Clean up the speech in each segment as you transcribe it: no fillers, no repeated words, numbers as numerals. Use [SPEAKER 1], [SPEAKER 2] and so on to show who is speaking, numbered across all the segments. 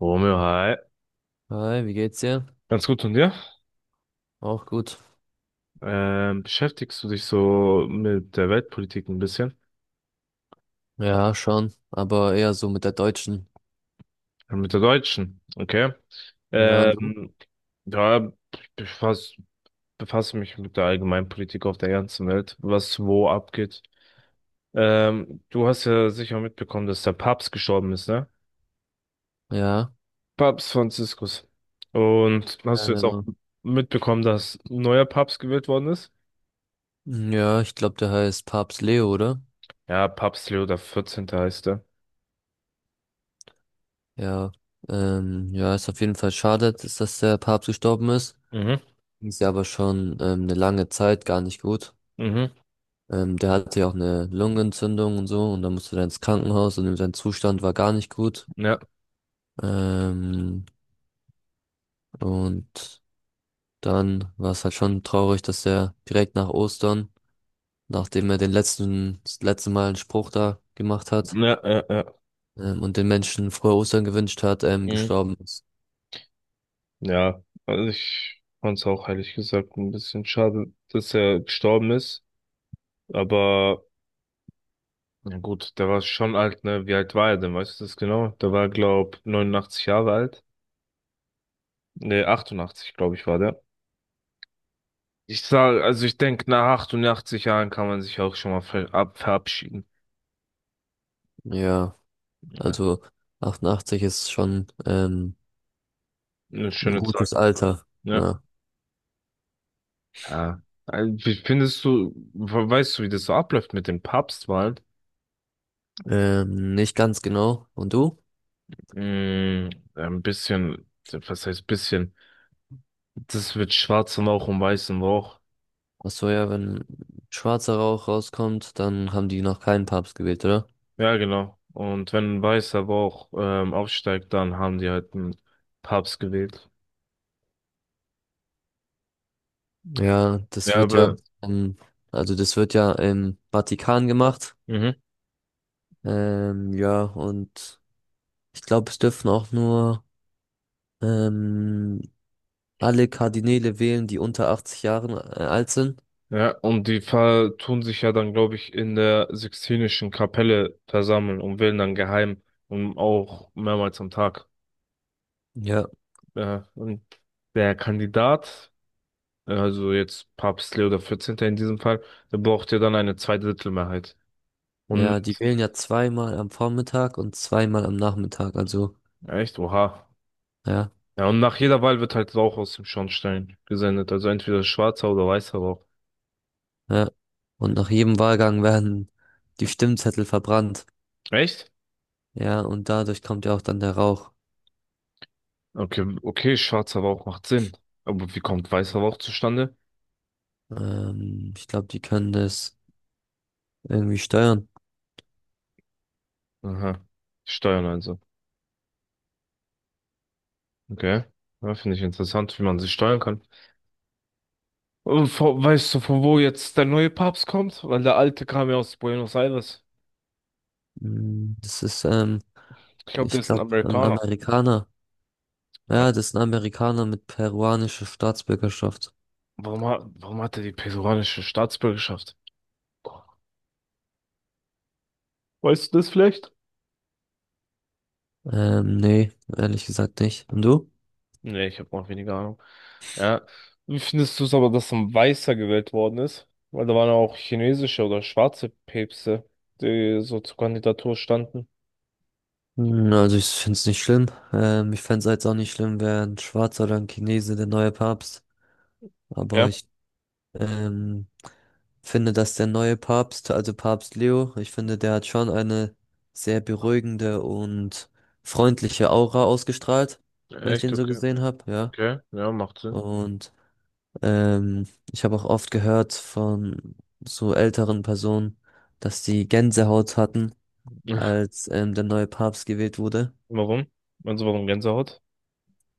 [SPEAKER 1] Romeo, hi.
[SPEAKER 2] Hi, wie geht's dir?
[SPEAKER 1] Ganz gut und dir?
[SPEAKER 2] Auch gut.
[SPEAKER 1] Beschäftigst du dich so mit der Weltpolitik ein bisschen?
[SPEAKER 2] Ja, schon, aber eher so mit der Deutschen.
[SPEAKER 1] Ja, mit der deutschen, okay?
[SPEAKER 2] Ja, und du?
[SPEAKER 1] Ähm, ja, ich befass, befasse mich mit der Allgemeinpolitik auf der ganzen Welt, was wo abgeht. Du hast ja sicher mitbekommen, dass der Papst gestorben ist, ne?
[SPEAKER 2] Ja.
[SPEAKER 1] Papst Franziskus. Und hast du
[SPEAKER 2] Keine
[SPEAKER 1] jetzt auch
[SPEAKER 2] Ahnung.
[SPEAKER 1] mitbekommen, dass ein neuer Papst gewählt worden ist?
[SPEAKER 2] Ja, ich glaube, der heißt Papst Leo, oder?
[SPEAKER 1] Ja, Papst Leo der 14. heißt er.
[SPEAKER 2] Ja. Ja, ist auf jeden Fall schade, dass der Papst gestorben ist.
[SPEAKER 1] Mhm,
[SPEAKER 2] Ist ja aber schon eine lange Zeit gar nicht gut.
[SPEAKER 1] mhm,
[SPEAKER 2] Der hatte ja auch eine Lungenentzündung und so, und dann musste er ins Krankenhaus und sein Zustand war gar nicht gut.
[SPEAKER 1] ja,
[SPEAKER 2] Ähm, und dann war es halt schon traurig, dass er direkt nach Ostern, nachdem er das letzte Mal einen Spruch da gemacht hat,
[SPEAKER 1] ja, ja, ja.
[SPEAKER 2] und den Menschen frohe Ostern gewünscht hat,
[SPEAKER 1] Mhm.
[SPEAKER 2] gestorben ist.
[SPEAKER 1] Ja, also ich fand's auch ehrlich gesagt ein bisschen schade, dass er gestorben ist. Aber na gut, der war schon alt, ne? Wie alt war er denn? Weißt du das genau? Der war, glaub, 89 Jahre alt. Ne, 88, glaube ich, war der. Ich sag, also ich denke, nach 88 Jahren kann man sich auch schon mal verabschieden.
[SPEAKER 2] Ja,
[SPEAKER 1] Ja.
[SPEAKER 2] also 88 ist schon
[SPEAKER 1] Eine
[SPEAKER 2] ein
[SPEAKER 1] schöne Zeit.
[SPEAKER 2] gutes Alter.
[SPEAKER 1] Ja.
[SPEAKER 2] Ja.
[SPEAKER 1] Ja. Also, wie findest du, weißt du, wie das so abläuft mit den Papstwahlen?
[SPEAKER 2] Nicht ganz genau. Und du?
[SPEAKER 1] Mm, ein bisschen, was heißt bisschen? Das wird schwarzem Rauch und weißem Rauch.
[SPEAKER 2] Ach so, ja, wenn schwarzer Rauch rauskommt, dann haben die noch keinen Papst gewählt, oder?
[SPEAKER 1] Ja, genau. Und wenn ein weißer Rauch aufsteigt, dann haben die halt einen Papst gewählt.
[SPEAKER 2] Ja, das
[SPEAKER 1] Ja,
[SPEAKER 2] wird ja,
[SPEAKER 1] aber,
[SPEAKER 2] ähm, also das wird ja im Vatikan gemacht.
[SPEAKER 1] mhm.
[SPEAKER 2] Ja, und ich glaube, es dürfen auch nur ähm, alle Kardinäle wählen, die unter 80 Jahren alt sind.
[SPEAKER 1] Ja, und die ver tun sich ja dann, glaube ich, in der Sixtinischen Kapelle versammeln und wählen dann geheim und auch mehrmals am Tag.
[SPEAKER 2] Ja,
[SPEAKER 1] Ja, und der Kandidat, also jetzt Papst Leo der vierzehnte in diesem Fall, der braucht ja dann eine Zweidrittelmehrheit. Und
[SPEAKER 2] ja, die wählen ja zweimal am Vormittag und zweimal am Nachmittag. Also,
[SPEAKER 1] echt, oha.
[SPEAKER 2] ja,
[SPEAKER 1] Ja, und nach jeder Wahl wird halt Rauch aus dem Schornstein gesendet. Also entweder schwarzer oder weißer Rauch.
[SPEAKER 2] ja. Und nach jedem Wahlgang werden die Stimmzettel verbrannt.
[SPEAKER 1] Echt?
[SPEAKER 2] Ja, und dadurch kommt ja auch dann der Rauch.
[SPEAKER 1] Okay, okay, schwarzer Rauch macht Sinn. Aber wie kommt weißer Rauch zustande?
[SPEAKER 2] Ich glaube, die können das irgendwie steuern.
[SPEAKER 1] Aha. Steuern also. Okay. Ja, finde ich interessant, wie man sie steuern kann. Und weißt du, von wo jetzt der neue Papst kommt? Weil der alte kam ja aus Buenos Aires.
[SPEAKER 2] Mm, das ist,
[SPEAKER 1] Ich glaube, der
[SPEAKER 2] ich
[SPEAKER 1] ist ein
[SPEAKER 2] glaube, ein
[SPEAKER 1] Amerikaner.
[SPEAKER 2] Amerikaner.
[SPEAKER 1] Ja.
[SPEAKER 2] Ja, das ist ein Amerikaner mit peruanischer Staatsbürgerschaft.
[SPEAKER 1] Warum hat er die peruanische Staatsbürgerschaft? Weißt du das vielleicht?
[SPEAKER 2] Nee, ehrlich gesagt nicht. Und du?
[SPEAKER 1] Nee, ich habe auch weniger Ahnung. Ja. Wie findest du es aber, dass so ein Weißer gewählt worden ist? Weil da waren ja auch chinesische oder schwarze Päpste, die so zur Kandidatur standen.
[SPEAKER 2] Hm, also ich finde es nicht schlimm. Ich fände es jetzt auch nicht schlimm, wäre ein Schwarzer oder ein Chinese der neue Papst. Aber
[SPEAKER 1] Ja,
[SPEAKER 2] ich ähm, finde, dass der neue Papst, also Papst Leo, ich finde, der hat schon eine sehr beruhigende und freundliche Aura ausgestrahlt, wenn ich
[SPEAKER 1] echt?
[SPEAKER 2] den so
[SPEAKER 1] Okay.
[SPEAKER 2] gesehen habe, ja.
[SPEAKER 1] Okay. Ja, macht Sinn.
[SPEAKER 2] Und ich habe auch oft gehört von so älteren Personen, dass die Gänsehaut hatten, als der neue Papst gewählt wurde.
[SPEAKER 1] Warum? Also warum Gänsehaut?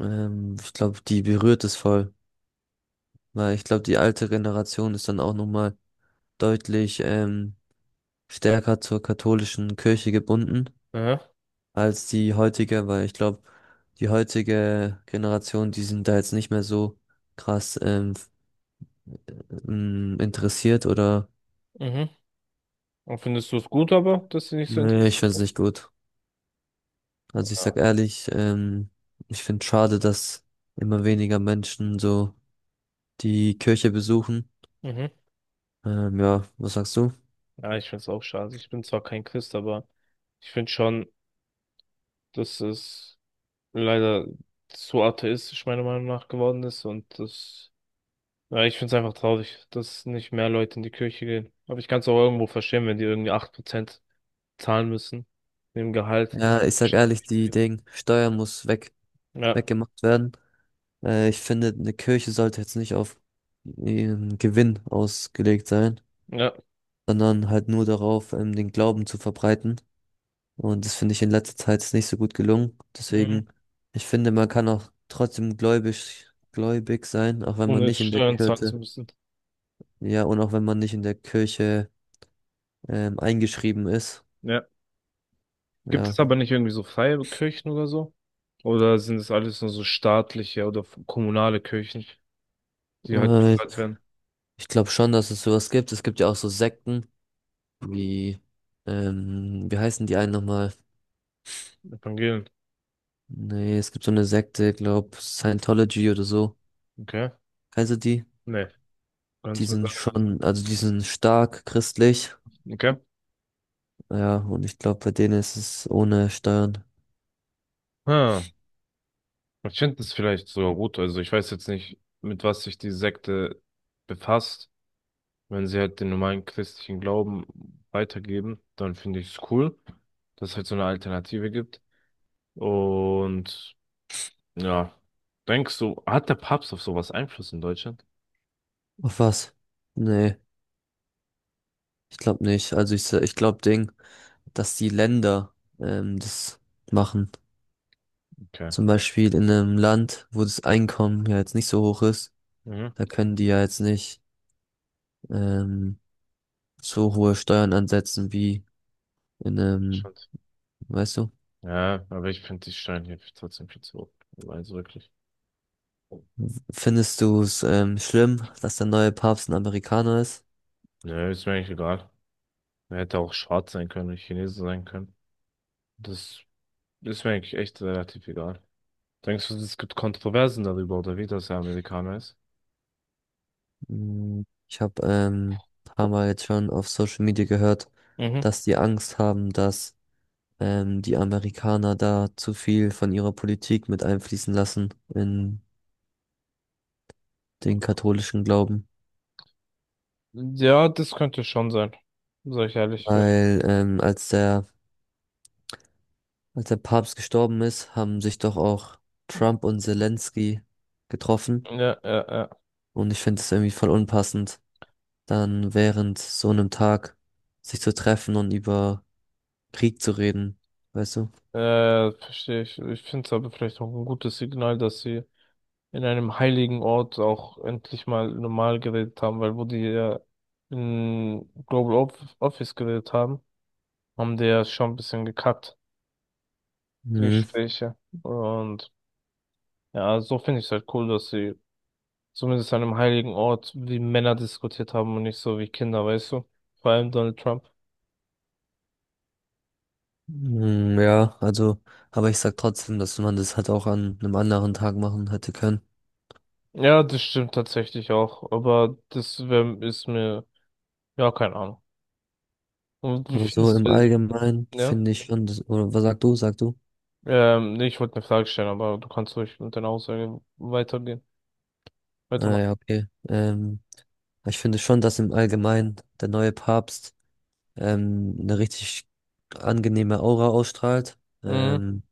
[SPEAKER 2] Ich glaube, die berührt es voll, weil ich glaube, die alte Generation ist dann auch nochmal deutlich stärker zur katholischen Kirche gebunden
[SPEAKER 1] Aha.
[SPEAKER 2] als die heutige, weil ich glaube, die heutige Generation, die sind da jetzt nicht mehr so krass interessiert oder.
[SPEAKER 1] Mhm. Und findest du es gut aber, dass sie nicht so
[SPEAKER 2] Nee, ich
[SPEAKER 1] interessiert
[SPEAKER 2] finde es
[SPEAKER 1] ist?
[SPEAKER 2] nicht gut. Also ich sag
[SPEAKER 1] Ja.
[SPEAKER 2] ehrlich, ich finde schade, dass immer weniger Menschen so die Kirche besuchen.
[SPEAKER 1] Mhm.
[SPEAKER 2] Ja, was sagst du?
[SPEAKER 1] Ja, ich find's auch schade. Ich bin zwar kein Christ, aber ich finde schon, dass es leider zu atheistisch meiner Meinung nach geworden ist. Und das, ja, ich finde es einfach traurig, dass nicht mehr Leute in die Kirche gehen. Aber ich kann es auch irgendwo verstehen, wenn die irgendwie 8% zahlen müssen. Dem Gehalt. Das ist
[SPEAKER 2] Ja, ich sag
[SPEAKER 1] schon
[SPEAKER 2] ehrlich, die
[SPEAKER 1] viel.
[SPEAKER 2] Ding, Steuer muss weg,
[SPEAKER 1] Ja,
[SPEAKER 2] weggemacht werden. Ich finde, eine Kirche sollte jetzt nicht auf ihren Gewinn ausgelegt sein,
[SPEAKER 1] ja.
[SPEAKER 2] sondern halt nur darauf, den Glauben zu verbreiten. Und das finde ich in letzter Zeit ist nicht so gut gelungen.
[SPEAKER 1] Mhm.
[SPEAKER 2] Deswegen, ich finde, man kann auch trotzdem gläubig sein, auch wenn man
[SPEAKER 1] Ohne
[SPEAKER 2] nicht in der
[SPEAKER 1] Steuern zahlen zu
[SPEAKER 2] Kirche,
[SPEAKER 1] müssen.
[SPEAKER 2] ja, und auch wenn man nicht in der Kirche eingeschrieben ist.
[SPEAKER 1] Ja. Gibt es
[SPEAKER 2] Ja,
[SPEAKER 1] aber nicht irgendwie so freie Kirchen oder so? Oder sind es alles nur so staatliche oder kommunale Kirchen, die halt
[SPEAKER 2] äh,
[SPEAKER 1] bezahlt werden?
[SPEAKER 2] ich glaube schon, dass es sowas gibt. Es gibt ja auch so Sekten. Wie, wie heißen die einen nochmal?
[SPEAKER 1] Evangelien.
[SPEAKER 2] Nee, es gibt so eine Sekte, glaub, Scientology oder so.
[SPEAKER 1] Okay.
[SPEAKER 2] Kennst du die?
[SPEAKER 1] Nee. Kannst
[SPEAKER 2] Die
[SPEAKER 1] du mir
[SPEAKER 2] sind
[SPEAKER 1] sagen, was das
[SPEAKER 2] schon, also die sind stark christlich.
[SPEAKER 1] ist? Okay.
[SPEAKER 2] Ja, und ich glaube, bei denen ist es ohne Steuern.
[SPEAKER 1] Ah. Ich finde es vielleicht sogar gut. Also ich weiß jetzt nicht, mit was sich die Sekte befasst. Wenn sie halt den normalen christlichen Glauben weitergeben, dann finde ich es cool, dass es halt so eine Alternative gibt. Und ja, denkst du, hat der Papst auf sowas Einfluss in Deutschland?
[SPEAKER 2] Auf was? Nee, ich glaube nicht. Also ich glaube, Ding, dass die Länder das machen.
[SPEAKER 1] Okay.
[SPEAKER 2] Zum Beispiel in einem Land, wo das Einkommen ja jetzt nicht so hoch ist,
[SPEAKER 1] Mhm.
[SPEAKER 2] da können die ja jetzt nicht ähm, so hohe Steuern ansetzen wie in einem.
[SPEAKER 1] Spannend.
[SPEAKER 2] Weißt du?
[SPEAKER 1] Ja, aber ich finde die Steinhilfe trotzdem viel zu hoch. Also wirklich.
[SPEAKER 2] Findest du es schlimm, dass der neue Papst ein Amerikaner ist?
[SPEAKER 1] Nö, ist mir eigentlich egal. Er hätte auch schwarz sein können, oder Chinese sein können. Das ist mir eigentlich echt relativ egal. Denkst du, es gibt Kontroversen darüber, oder wie, dass er Amerikaner ist?
[SPEAKER 2] Mm, ich habe ein paar Mal jetzt schon auf Social Media gehört,
[SPEAKER 1] Mhm.
[SPEAKER 2] dass die Angst haben, dass die Amerikaner da zu viel von ihrer Politik mit einfließen lassen in den katholischen Glauben.
[SPEAKER 1] Ja, das könnte schon sein. Sag ich ehrlich. Ja.
[SPEAKER 2] Weil ähm, als der, Als der Papst gestorben ist, haben sich doch auch Trump und Zelensky getroffen.
[SPEAKER 1] Ja, ja,
[SPEAKER 2] Und ich finde es irgendwie voll unpassend, dann während so einem Tag sich zu treffen und über Krieg zu reden, weißt du?
[SPEAKER 1] ja. Verstehe ich. Ich finde es aber vielleicht auch ein gutes Signal, dass sie in einem heiligen Ort auch endlich mal normal geredet haben, weil wo die ja in Office geredet haben, haben die ja schon ein bisschen gekackt, die
[SPEAKER 2] Mhm.
[SPEAKER 1] Gespräche. Und ja, so finde ich es halt cool, dass sie zumindest an einem heiligen Ort, wie Männer diskutiert haben und nicht so wie Kinder, weißt du? Vor allem Donald Trump.
[SPEAKER 2] Mhm, ja, also, aber ich sag trotzdem, dass man das halt auch an einem anderen Tag machen hätte können.
[SPEAKER 1] Ja, das stimmt tatsächlich auch, aber ist mir, ja, keine Ahnung. Und wie
[SPEAKER 2] Aber so
[SPEAKER 1] findest
[SPEAKER 2] im
[SPEAKER 1] du,
[SPEAKER 2] Allgemeinen
[SPEAKER 1] ja?
[SPEAKER 2] finde ich schon, das, oder was sagst du, sagst du?
[SPEAKER 1] Nee, ich wollte eine Frage stellen, aber du kannst ruhig mit deiner Aussage
[SPEAKER 2] Ah,
[SPEAKER 1] weitermachen.
[SPEAKER 2] ja, okay. Ich finde schon, dass im Allgemeinen der neue Papst eine richtig angenehme Aura ausstrahlt.
[SPEAKER 1] Mhm.
[SPEAKER 2] Ähm,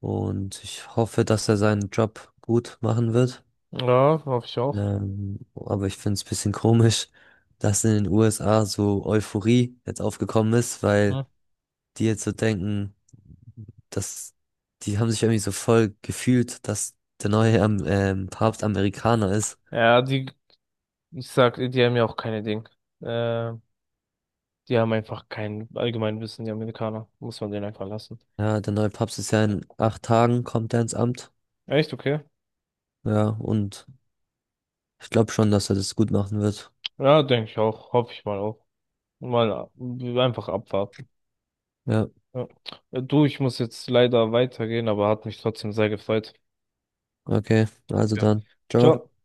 [SPEAKER 2] und ich hoffe, dass er seinen Job gut machen wird.
[SPEAKER 1] Ja, hoffe ich auch.
[SPEAKER 2] Aber ich finde es ein bisschen komisch, dass in den USA so Euphorie jetzt aufgekommen ist, weil
[SPEAKER 1] Mhm.
[SPEAKER 2] die jetzt so denken, dass die haben sich irgendwie so voll gefühlt, dass der neue Papst Amerikaner ist.
[SPEAKER 1] Ja, die, ich sag, die haben ja auch keine Ding. Äh, die haben einfach kein Allgemeinwissen, die Amerikaner. Muss man denen einfach lassen.
[SPEAKER 2] Ja, der neue Papst ist ja in 8 Tagen, kommt er ins Amt.
[SPEAKER 1] Echt, okay?
[SPEAKER 2] Ja, und ich glaube schon, dass er das gut machen wird.
[SPEAKER 1] Ja, denke ich auch. Hoffe ich mal auch. Mal einfach abwarten.
[SPEAKER 2] Ja,
[SPEAKER 1] Ja. Du, ich muss jetzt leider weitergehen, aber hat mich trotzdem sehr gefreut.
[SPEAKER 2] okay, also
[SPEAKER 1] Ja.
[SPEAKER 2] dann.
[SPEAKER 1] Ciao.
[SPEAKER 2] Ciao.